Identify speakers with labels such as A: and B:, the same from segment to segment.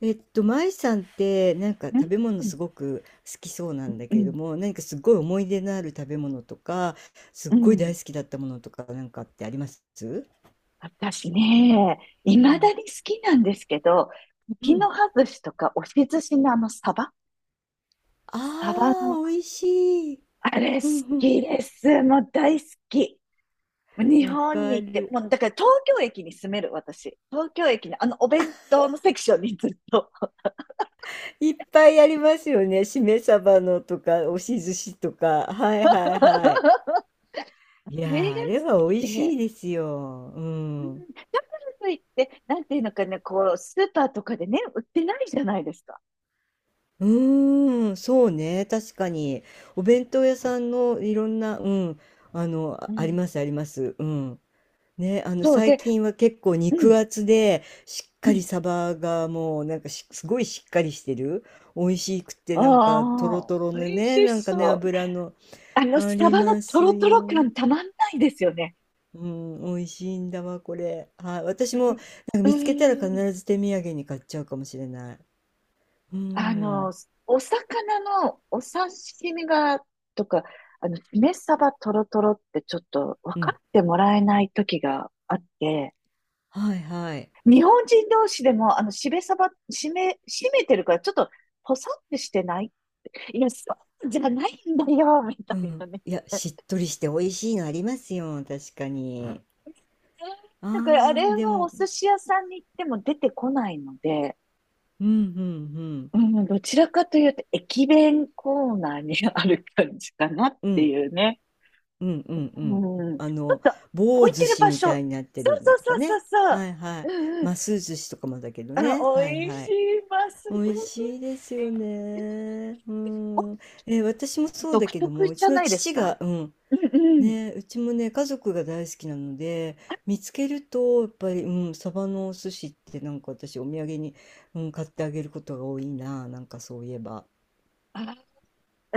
A: 舞さんってなんか
B: う
A: 食
B: ん、
A: べ物
B: う
A: す
B: ん、
A: ごく好きそうなんだ
B: う
A: けれど
B: ん、
A: も、何かすごい思い出のある食べ物とか、すっ
B: う
A: ごい
B: ん。
A: 大好きだったものとかなんかってあります？
B: 私ね、い
A: う
B: まだ
A: ん、
B: に好きなんですけど、
A: う
B: 茎
A: ん。
B: の葉寿司とか押し寿司のあの
A: あ
B: サバの、
A: あ、美味しい。
B: あれ好
A: うん
B: きです。もう大好き。
A: う
B: 日
A: ん。わ
B: 本
A: か
B: に行って、
A: る。
B: もうだから東京駅に住める私。東京駅のあのお弁当のセクションにずっと。
A: いっぱいありますよね。しめ鯖のとか、押し寿司とか。はいはい はい。
B: そ
A: いや
B: れ
A: ー、
B: が
A: あ
B: 好
A: れは
B: き
A: 美味し
B: で。
A: いですよ。う
B: うん、
A: ん。
B: だからといって、なんていうのかね、こう、スーパーとかでね、売ってないじゃないですか。
A: うーん、そうね、確かに。お弁当屋さんのいろんな、うん、あの、
B: う
A: ああり
B: ん。
A: ます、あります。うん。ね、あの、
B: そう
A: 最
B: で、
A: 近は結構
B: う
A: 肉
B: ん、
A: 厚で、しっ
B: う
A: か
B: ん。
A: りサバがもう、なんかしすごいしっかりしてる。美味しくて、なんか、ト
B: あ
A: ロ
B: あ、
A: トロ
B: 美
A: の
B: 味
A: ね、
B: し
A: なんかね、
B: そう。
A: 油の、あ
B: サ
A: り
B: バの
A: ま
B: ト
A: す
B: ロトロ
A: よ。
B: 感たまんないですよね。
A: うん、美味しいんだわ、これ。はい、私も、なんか
B: う
A: 見つけたら必
B: ん、うん。
A: ず手土産に買っちゃうかもしれない。う
B: あの、
A: ん、
B: お魚のお刺身が、とか、しめバトロトロってちょっと分
A: う
B: か
A: ん、
B: ってもらえない時があって、
A: はい、はい。
B: 日本人同士でも、しめサバしめてるからちょっと、ポサってしてない、いや、そうじゃないんだよ、み
A: う
B: たいな
A: ん。
B: ね。
A: いや、しっとりして美味しいのありますよ、確かうん。に。あ
B: だからあれ
A: ー、で
B: はお
A: も、
B: 寿司屋さんに行っても出てこないので、
A: うん、うん、うん。
B: うん、どちらかというと駅弁コーナーにある感じかなっ
A: う
B: て
A: ん、
B: いうね。
A: うん、うん、う
B: う
A: ん。
B: ん、
A: あの、棒
B: 置いて
A: 寿
B: る
A: 司
B: 場
A: み
B: 所。そ
A: た
B: う
A: いになって
B: そ
A: るの
B: う
A: とか
B: そうそう
A: ね。
B: そ
A: は
B: う。
A: いはい。
B: うんうん。
A: ます寿司とかもだけど
B: あ、
A: ね。はい
B: 美味
A: は
B: し
A: い。
B: い、ます美
A: 美味
B: 味
A: しいですよ
B: しい。
A: ね。うん。え、私もそうだ
B: 独
A: けど
B: 特
A: も、う
B: じ
A: ち
B: ゃ
A: の
B: ないです
A: 父
B: か。
A: が、うん、
B: うんうん。
A: ね、うちもね、家族が大好きなので、見つけると、やっぱり、うん、サバのお寿司ってなんか私お土産に、うん、買ってあげることが多いな、なんかそういえば。
B: あ、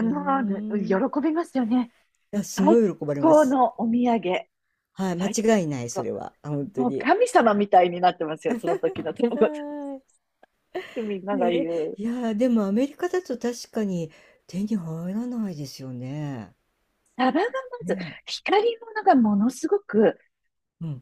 A: うー
B: もう、喜
A: ん。い
B: びますよね。
A: や、すご
B: 最
A: い喜ばれま
B: 高
A: す。
B: のお土産。
A: はい、間
B: 最
A: 違いない、そ
B: 高。
A: れは。あ、本当
B: もう
A: に。
B: 神様みたいになってますよ、その時の友達
A: は
B: ってみん
A: い。
B: なが
A: ね、
B: 言う。
A: いやー、でもアメリカだと確かに手に入らないですよね。
B: サバがまず、
A: ね。
B: 光り物がものすごく
A: うん。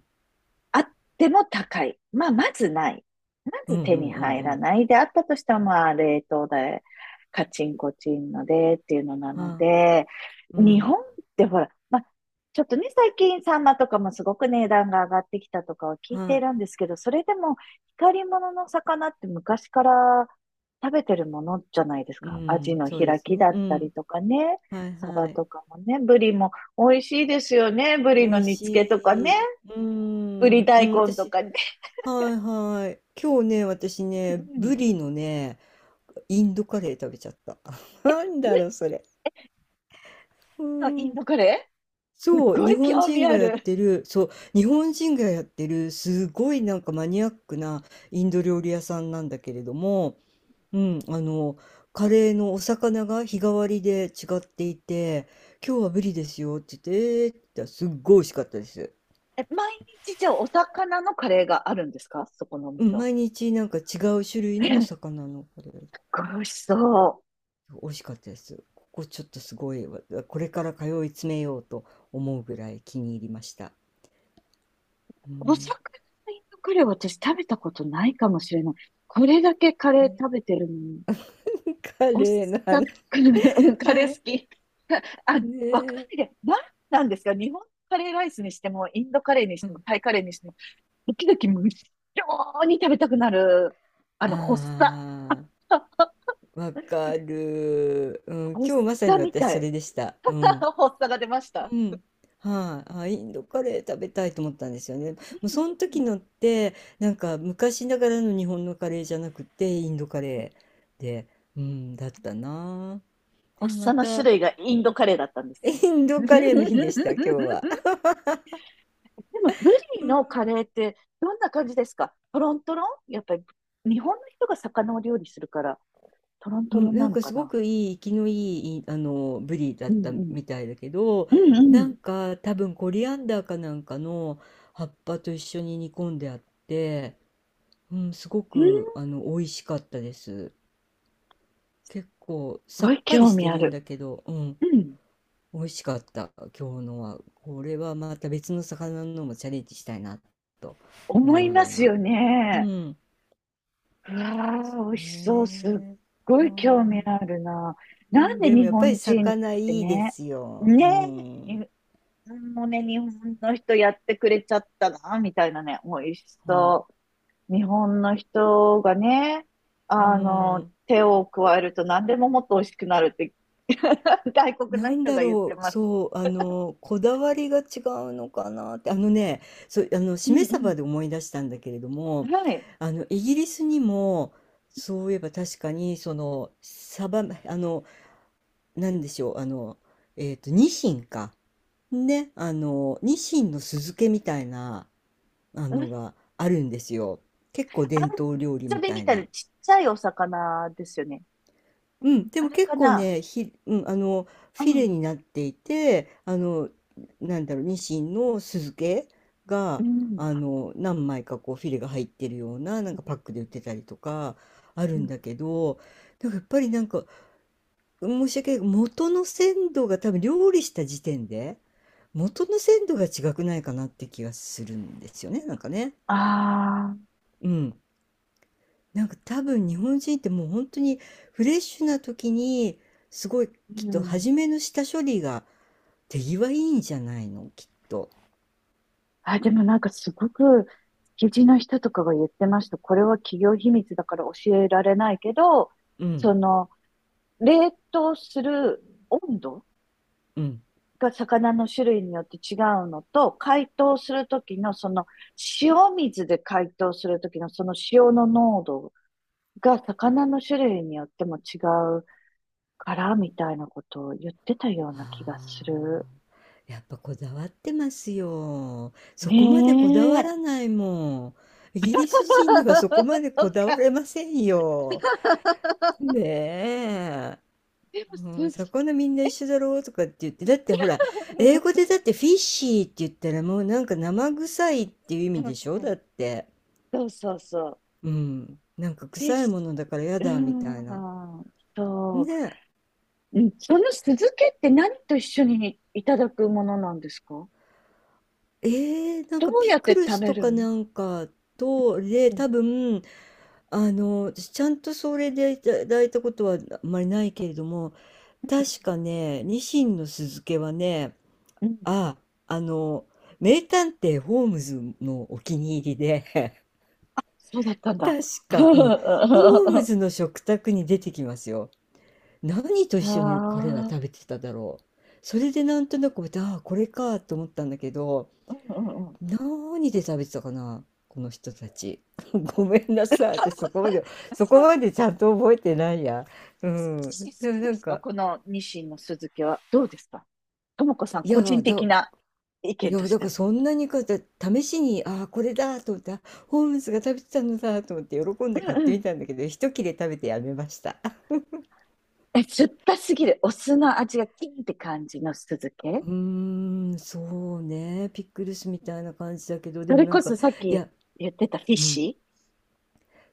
B: あっても高い。まあ、まずない。ま
A: うん
B: ず
A: う
B: 手に
A: んうん
B: 入
A: う
B: ら
A: ん。
B: ない。で、あったとしても、まあ、冷凍で、カチンコチンのでっていうのなの
A: は
B: で、
A: い。う
B: 日
A: ん。
B: 本ってほら、まあ、ちょっとね、最近サンマとかもすごく値段が上がってきたとかは聞いてい
A: は
B: るんですけど、それでも光り物の魚って昔から食べてるものじゃないです
A: い。う
B: か。アジ
A: ん。
B: の
A: そうで
B: 開
A: す
B: き
A: ね。
B: だ
A: う
B: ったり
A: ん。
B: とかね、
A: はい
B: サバ
A: はい。
B: とかもね、ブリも美味しいですよね。ブリ
A: 美
B: の
A: 味
B: 煮
A: し
B: 付けとかね。
A: い。うー
B: ぶり
A: ん。う
B: 大
A: ん、
B: 根と
A: 私、
B: かね。
A: はいはい。今日ね、私
B: う
A: ね、ブ
B: ん、
A: リのね、インドカレー食べちゃった。なんだろう、それ。う
B: のイン
A: ん。
B: ドカレーすっ
A: そう、
B: ご
A: 日
B: い
A: 本
B: 興味
A: 人
B: あ
A: がやっ
B: る。
A: てる、そう、日本人がやってる、すごいなんかマニアックなインド料理屋さんなんだけれども、うん、あの、カレーのお魚が日替わりで違っていて、今日はブリですよって言って、えーって言ったらすっごい美味しかったです。
B: え、毎日じゃあお魚のカレーがあるんですか、そこのお
A: う
B: 店
A: ん、
B: は？
A: 毎日なんか違う種類
B: え、す
A: のお
B: っ
A: 魚のこれ、
B: ごい美味しそ
A: 美味しかったです。ここちょっとすごい、わこれから通い詰めようと思うぐらい気に入りました。う
B: う。お
A: ん。
B: 魚のインドカレーは私食べたことないかもしれない。これだけカレー
A: ね
B: 食べてるのに、
A: カ
B: お
A: レーの話。
B: 魚、カ
A: は
B: レー好
A: い。
B: き。あ、
A: ね
B: わかんな
A: え。
B: いで。なんなんですか、日本カレーライスにしても、インドカレーにし
A: う
B: ても、
A: ん。
B: タイカレーにしても、時々無性に食べたくなる、発作。
A: あ
B: あ、
A: あ、わかる。うん、
B: 発
A: 今日まさ
B: 作
A: に
B: み
A: 私
B: た
A: そ
B: い。
A: れでした。うん。
B: 発作が出ました。
A: うん。はい。あ、インドカレー食べたいと思ったんですよね。もうその時のって、なんか昔ながらの日本のカレーじゃなくて、インドカレーで、うん、だったな。で、
B: 発
A: ま
B: 作の
A: た、
B: 種類がインドカレーだったんですね。
A: イン ドカレーの日で
B: で
A: した、今日は。
B: も、ブリのカレーってどんな感じですか、トロントロンやっぱり、日本の人が魚を料理するから、トロン
A: う
B: トロ
A: ん、
B: ン
A: な
B: な
A: ん
B: の
A: か
B: か
A: すご
B: な。
A: くいい、生きのいい、いあの、ブリだっ
B: うん
A: た
B: うん。
A: みたいだけど、
B: うんう
A: な
B: ん。
A: んか多分コリアンダーかなんかの葉っぱと一緒に煮込んであって、うん、すご
B: うん、
A: く、あ
B: す
A: の、美味しかったです。結構さ
B: ご
A: っ
B: い
A: ぱり
B: 興
A: し
B: 味
A: て
B: あ
A: るん
B: る。
A: だけど、うん、
B: うん。
A: 美味しかった、今日のは。これはまた別の魚のもチャレンジしたいなと
B: 思
A: 思
B: い
A: う
B: ま
A: よう
B: す
A: な。
B: よ
A: う
B: ね。
A: ん、
B: うわ
A: そ
B: ー、美味
A: う
B: しそう。すっ
A: ね。
B: ごい興
A: は
B: 味
A: ーい。
B: あるな。
A: う
B: なん
A: ん、
B: で
A: でも
B: 日
A: やっぱり
B: 本人っ
A: 魚
B: て
A: いいで
B: ね、
A: すよ。
B: ね
A: う
B: え、
A: ん。
B: に、もうね、日本の人やってくれちゃったな、みたいなね、美味し
A: は
B: そう。日本の人がね、
A: うん。
B: 手を加えると何でももっと美味しくなるって、外国
A: な
B: の
A: ん
B: 人
A: だ
B: が言って
A: ろう、
B: ます。
A: そう、あの、こだわりが違うのかなって、あのね、そう、あの、
B: う
A: しめ鯖
B: ん
A: で思い出したんだけれど
B: う
A: も、
B: ん。はい。
A: あの、イギリスにも、そういえば確かに、その、鯖、あの、なんでしょう、あの、ニシンか。ね、あの、ニシンの酢漬けみたいな、あ
B: うん、あ
A: の
B: ん
A: があるんですよ。結構伝統料理
B: ちゃ
A: み
B: び
A: た
B: み
A: い
B: たい
A: な。
B: なちっちゃいお魚ですよね。
A: うん、で
B: あ
A: も
B: れ
A: 結
B: か
A: 構
B: な。
A: ね、ひ、うん、あの、
B: う
A: フィレ
B: ん。
A: になっていて、あの、なんだろう、ニシンの酢漬け
B: う
A: が、
B: ん。
A: あの、何枚かこう、フィレが入ってるような、なんかパックで売ってたりとか、ある
B: う
A: ん
B: ん、
A: だけど、なんかやっぱりなんか、申し訳ない、元の鮮度が多分料理した時点で、元の鮮度が違くないかなって気がするんですよね、なんかね。
B: ああ、
A: うん。なんか多分日本人ってもう本当にフレッシュな時にすごいきっ
B: う
A: と
B: ん。
A: 初めの下処理が手際いいんじゃないのきっと。
B: あ、でもなんかすごく、築地の人とかが言ってました。これは企業秘密だから教えられないけど、
A: うん
B: その、冷凍する温度
A: うん、
B: が魚の種類によって違うのと、解凍するときのその、塩水で解凍するときのその塩の濃度が魚の種類によっても違うから、みたいなことを言ってたよう
A: あ
B: な気がする。
A: ーやっぱこだわってますよ。そこまでこだ
B: ね
A: わ
B: え。
A: らないもん。イギリス人にはそこまで
B: と
A: こだわ
B: か、
A: れませんよ。ねえ。
B: でも、す、
A: うん、魚みんな一緒だろうとかって言って、だってほら、英語でだってフィッシーって言ったらもうなんか生臭いっていう意
B: う
A: 味
B: ん
A: でしょ
B: う
A: だっ
B: ん、
A: て。
B: そうそうそう。
A: うん。なんか
B: フィッ
A: 臭い
B: シ
A: ものだからやだみた
B: ュ、う
A: い
B: ー
A: な。
B: ん、そう。
A: ね
B: うん、その酢漬けって何と一緒にいただくものなんですか、
A: え。えー、なん
B: ど
A: か
B: う
A: ピ
B: やって
A: クル
B: 食
A: ス
B: べ
A: と
B: る
A: か
B: の？
A: なんかと、で、
B: うん、
A: 多分、あの、私ちゃんとそれでいただいたことはあんまりないけれども、確かね、ニシンの酢漬けはね、
B: うん、
A: あ、あの、名探偵ホームズのお気に入りで
B: そうだったんだ。
A: 確 か、うん。ホーム
B: あ
A: ズの食卓に出てきますよ。何と一緒に彼は
B: あ、
A: 食べてただろう。それでなんとなく、ああ、これかと思ったんだけど、
B: うんうんうん。
A: 何で食べてたかな、この人たち。ごめんなさい。私そこまで、
B: 好
A: ちゃんと覚えてないや。う
B: き
A: ん。でもな
B: で
A: ん
B: すか
A: か、
B: このニシンの酢漬けは？どうですかともこさん、
A: いや
B: 個人
A: ー、
B: 的
A: だ、
B: な意
A: い
B: 見
A: や
B: と
A: ー、
B: し
A: だ
B: て
A: から
B: は。
A: そんなにか、だ試しに、ああ、これだと思って、あホームズが食べてたのだと思って喜んで買っ
B: う
A: てみ
B: ん、
A: たんだけど、一切れ食べてやめました。
B: え、酸っぱすぎる？お酢の味がキンって感じの酢漬
A: う
B: け、
A: ーん、そうね、ピックルスみたいな感じだけど、
B: そ
A: でも
B: れ
A: なん
B: こそ
A: か、
B: さっ
A: い
B: き
A: や、
B: 言ってたフィッ
A: うん、
B: シ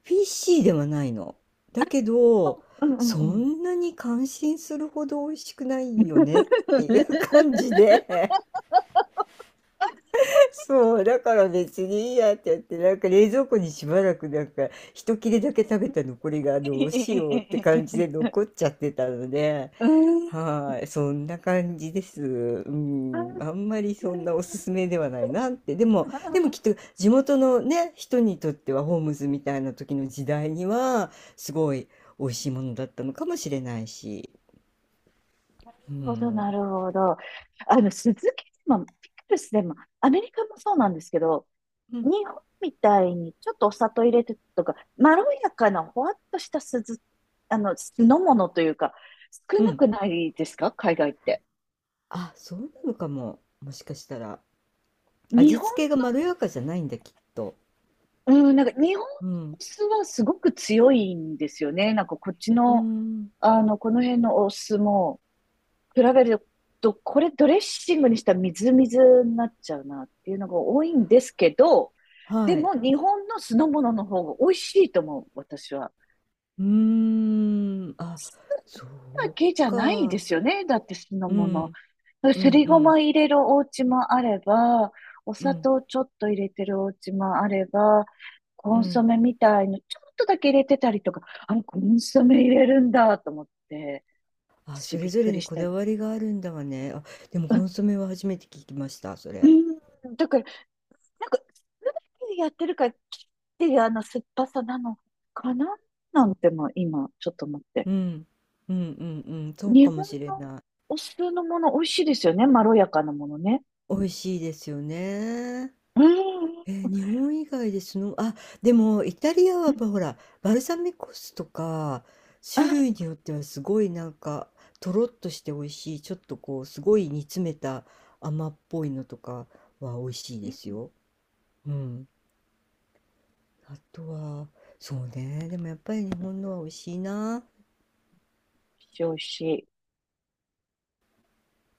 A: フィッシーではないの。だけど、
B: ー、うんうん
A: そ
B: うんうん。
A: んなに感心するほど美味しくないよねっていう感じで、そう、だから別にいいやってやって、なんか冷蔵庫にしばらくなんか、一切れだけ食べた残りがどうしようって感じで 残っちゃってたので、
B: うーん。
A: はい、そんな感じです。うん、あんまりそんなおすすめではないなって。でも、
B: な
A: でも
B: る
A: きっと地元のね、人にとってはホームズみたいな時の時代には、すごい美味しいものだったのかもしれないし。う
B: ほど、
A: ん。
B: なるほど。酢漬けでも、ピクルスでも、アメリカもそうなんですけど、
A: う
B: 日
A: ん。
B: 本みたいにちょっとお砂糖入れてとか、まろやかなほわっとした酢漬、酢の物というか、少
A: う
B: な
A: ん。
B: くないですか海外って？
A: あ、そうなのかも。もしかしたら。
B: 日
A: 味
B: 本、
A: 付けがまろやかじゃないんだ、きっと。
B: うん、なんか日本の
A: うん。
B: お酢はすごく強いんですよね。なんかこっち
A: う
B: の、
A: ん。
B: この辺のお酢も比べると、これドレッシングにしたらみずみずになっちゃうなっていうのが多いんですけど、で
A: はい。
B: も日本の酢の物の方が美味しいと思う、私は。
A: うーん。あ、そ
B: だ
A: う
B: けじゃないで
A: か。
B: すよね。だって酢の
A: う
B: 物。
A: ん。う
B: す
A: ん
B: り
A: う
B: ご
A: ん。
B: ま入れるお家もあれば、お
A: う
B: 砂
A: ん。
B: 糖ちょっと入れてるお家もあれば、コ
A: う
B: ンソ
A: ん。
B: メみたいのちょっとだけ入れてたりとか、あのコンソメ入れるんだと思って、
A: あ、
B: 私
A: それ
B: びっ
A: ぞ
B: く
A: れ
B: り
A: に
B: し
A: こ
B: たり。
A: だわりがあるんだわね。あ、でも
B: う
A: コ
B: ん、
A: ンソメは初めて聞きました、そ
B: う
A: れ。
B: んだから、なんか、酢だけでやってるから、切っていうあの酸っぱさなのかな、なんても今、ちょっと思って。
A: うん。うんうんうん。そう
B: 日
A: かも
B: 本
A: しれ
B: の
A: ない。
B: お酢のもの美味しいですよね。まろやかなものね。
A: 美味しいですよね。
B: うん。
A: 日本以外でその、あ、でもイタリアは
B: う
A: ほら、バルサミコ酢とか、種
B: あ、
A: 類によってはすごいなんか、とろっとして美味しい、ちょっとこう、すごい煮詰めた甘っぽいのとかは美味しい
B: うん。
A: です
B: 美味
A: よ。うん。あとは、そうね、でもやっぱり日本のは美味しいな。
B: しい、美味しい。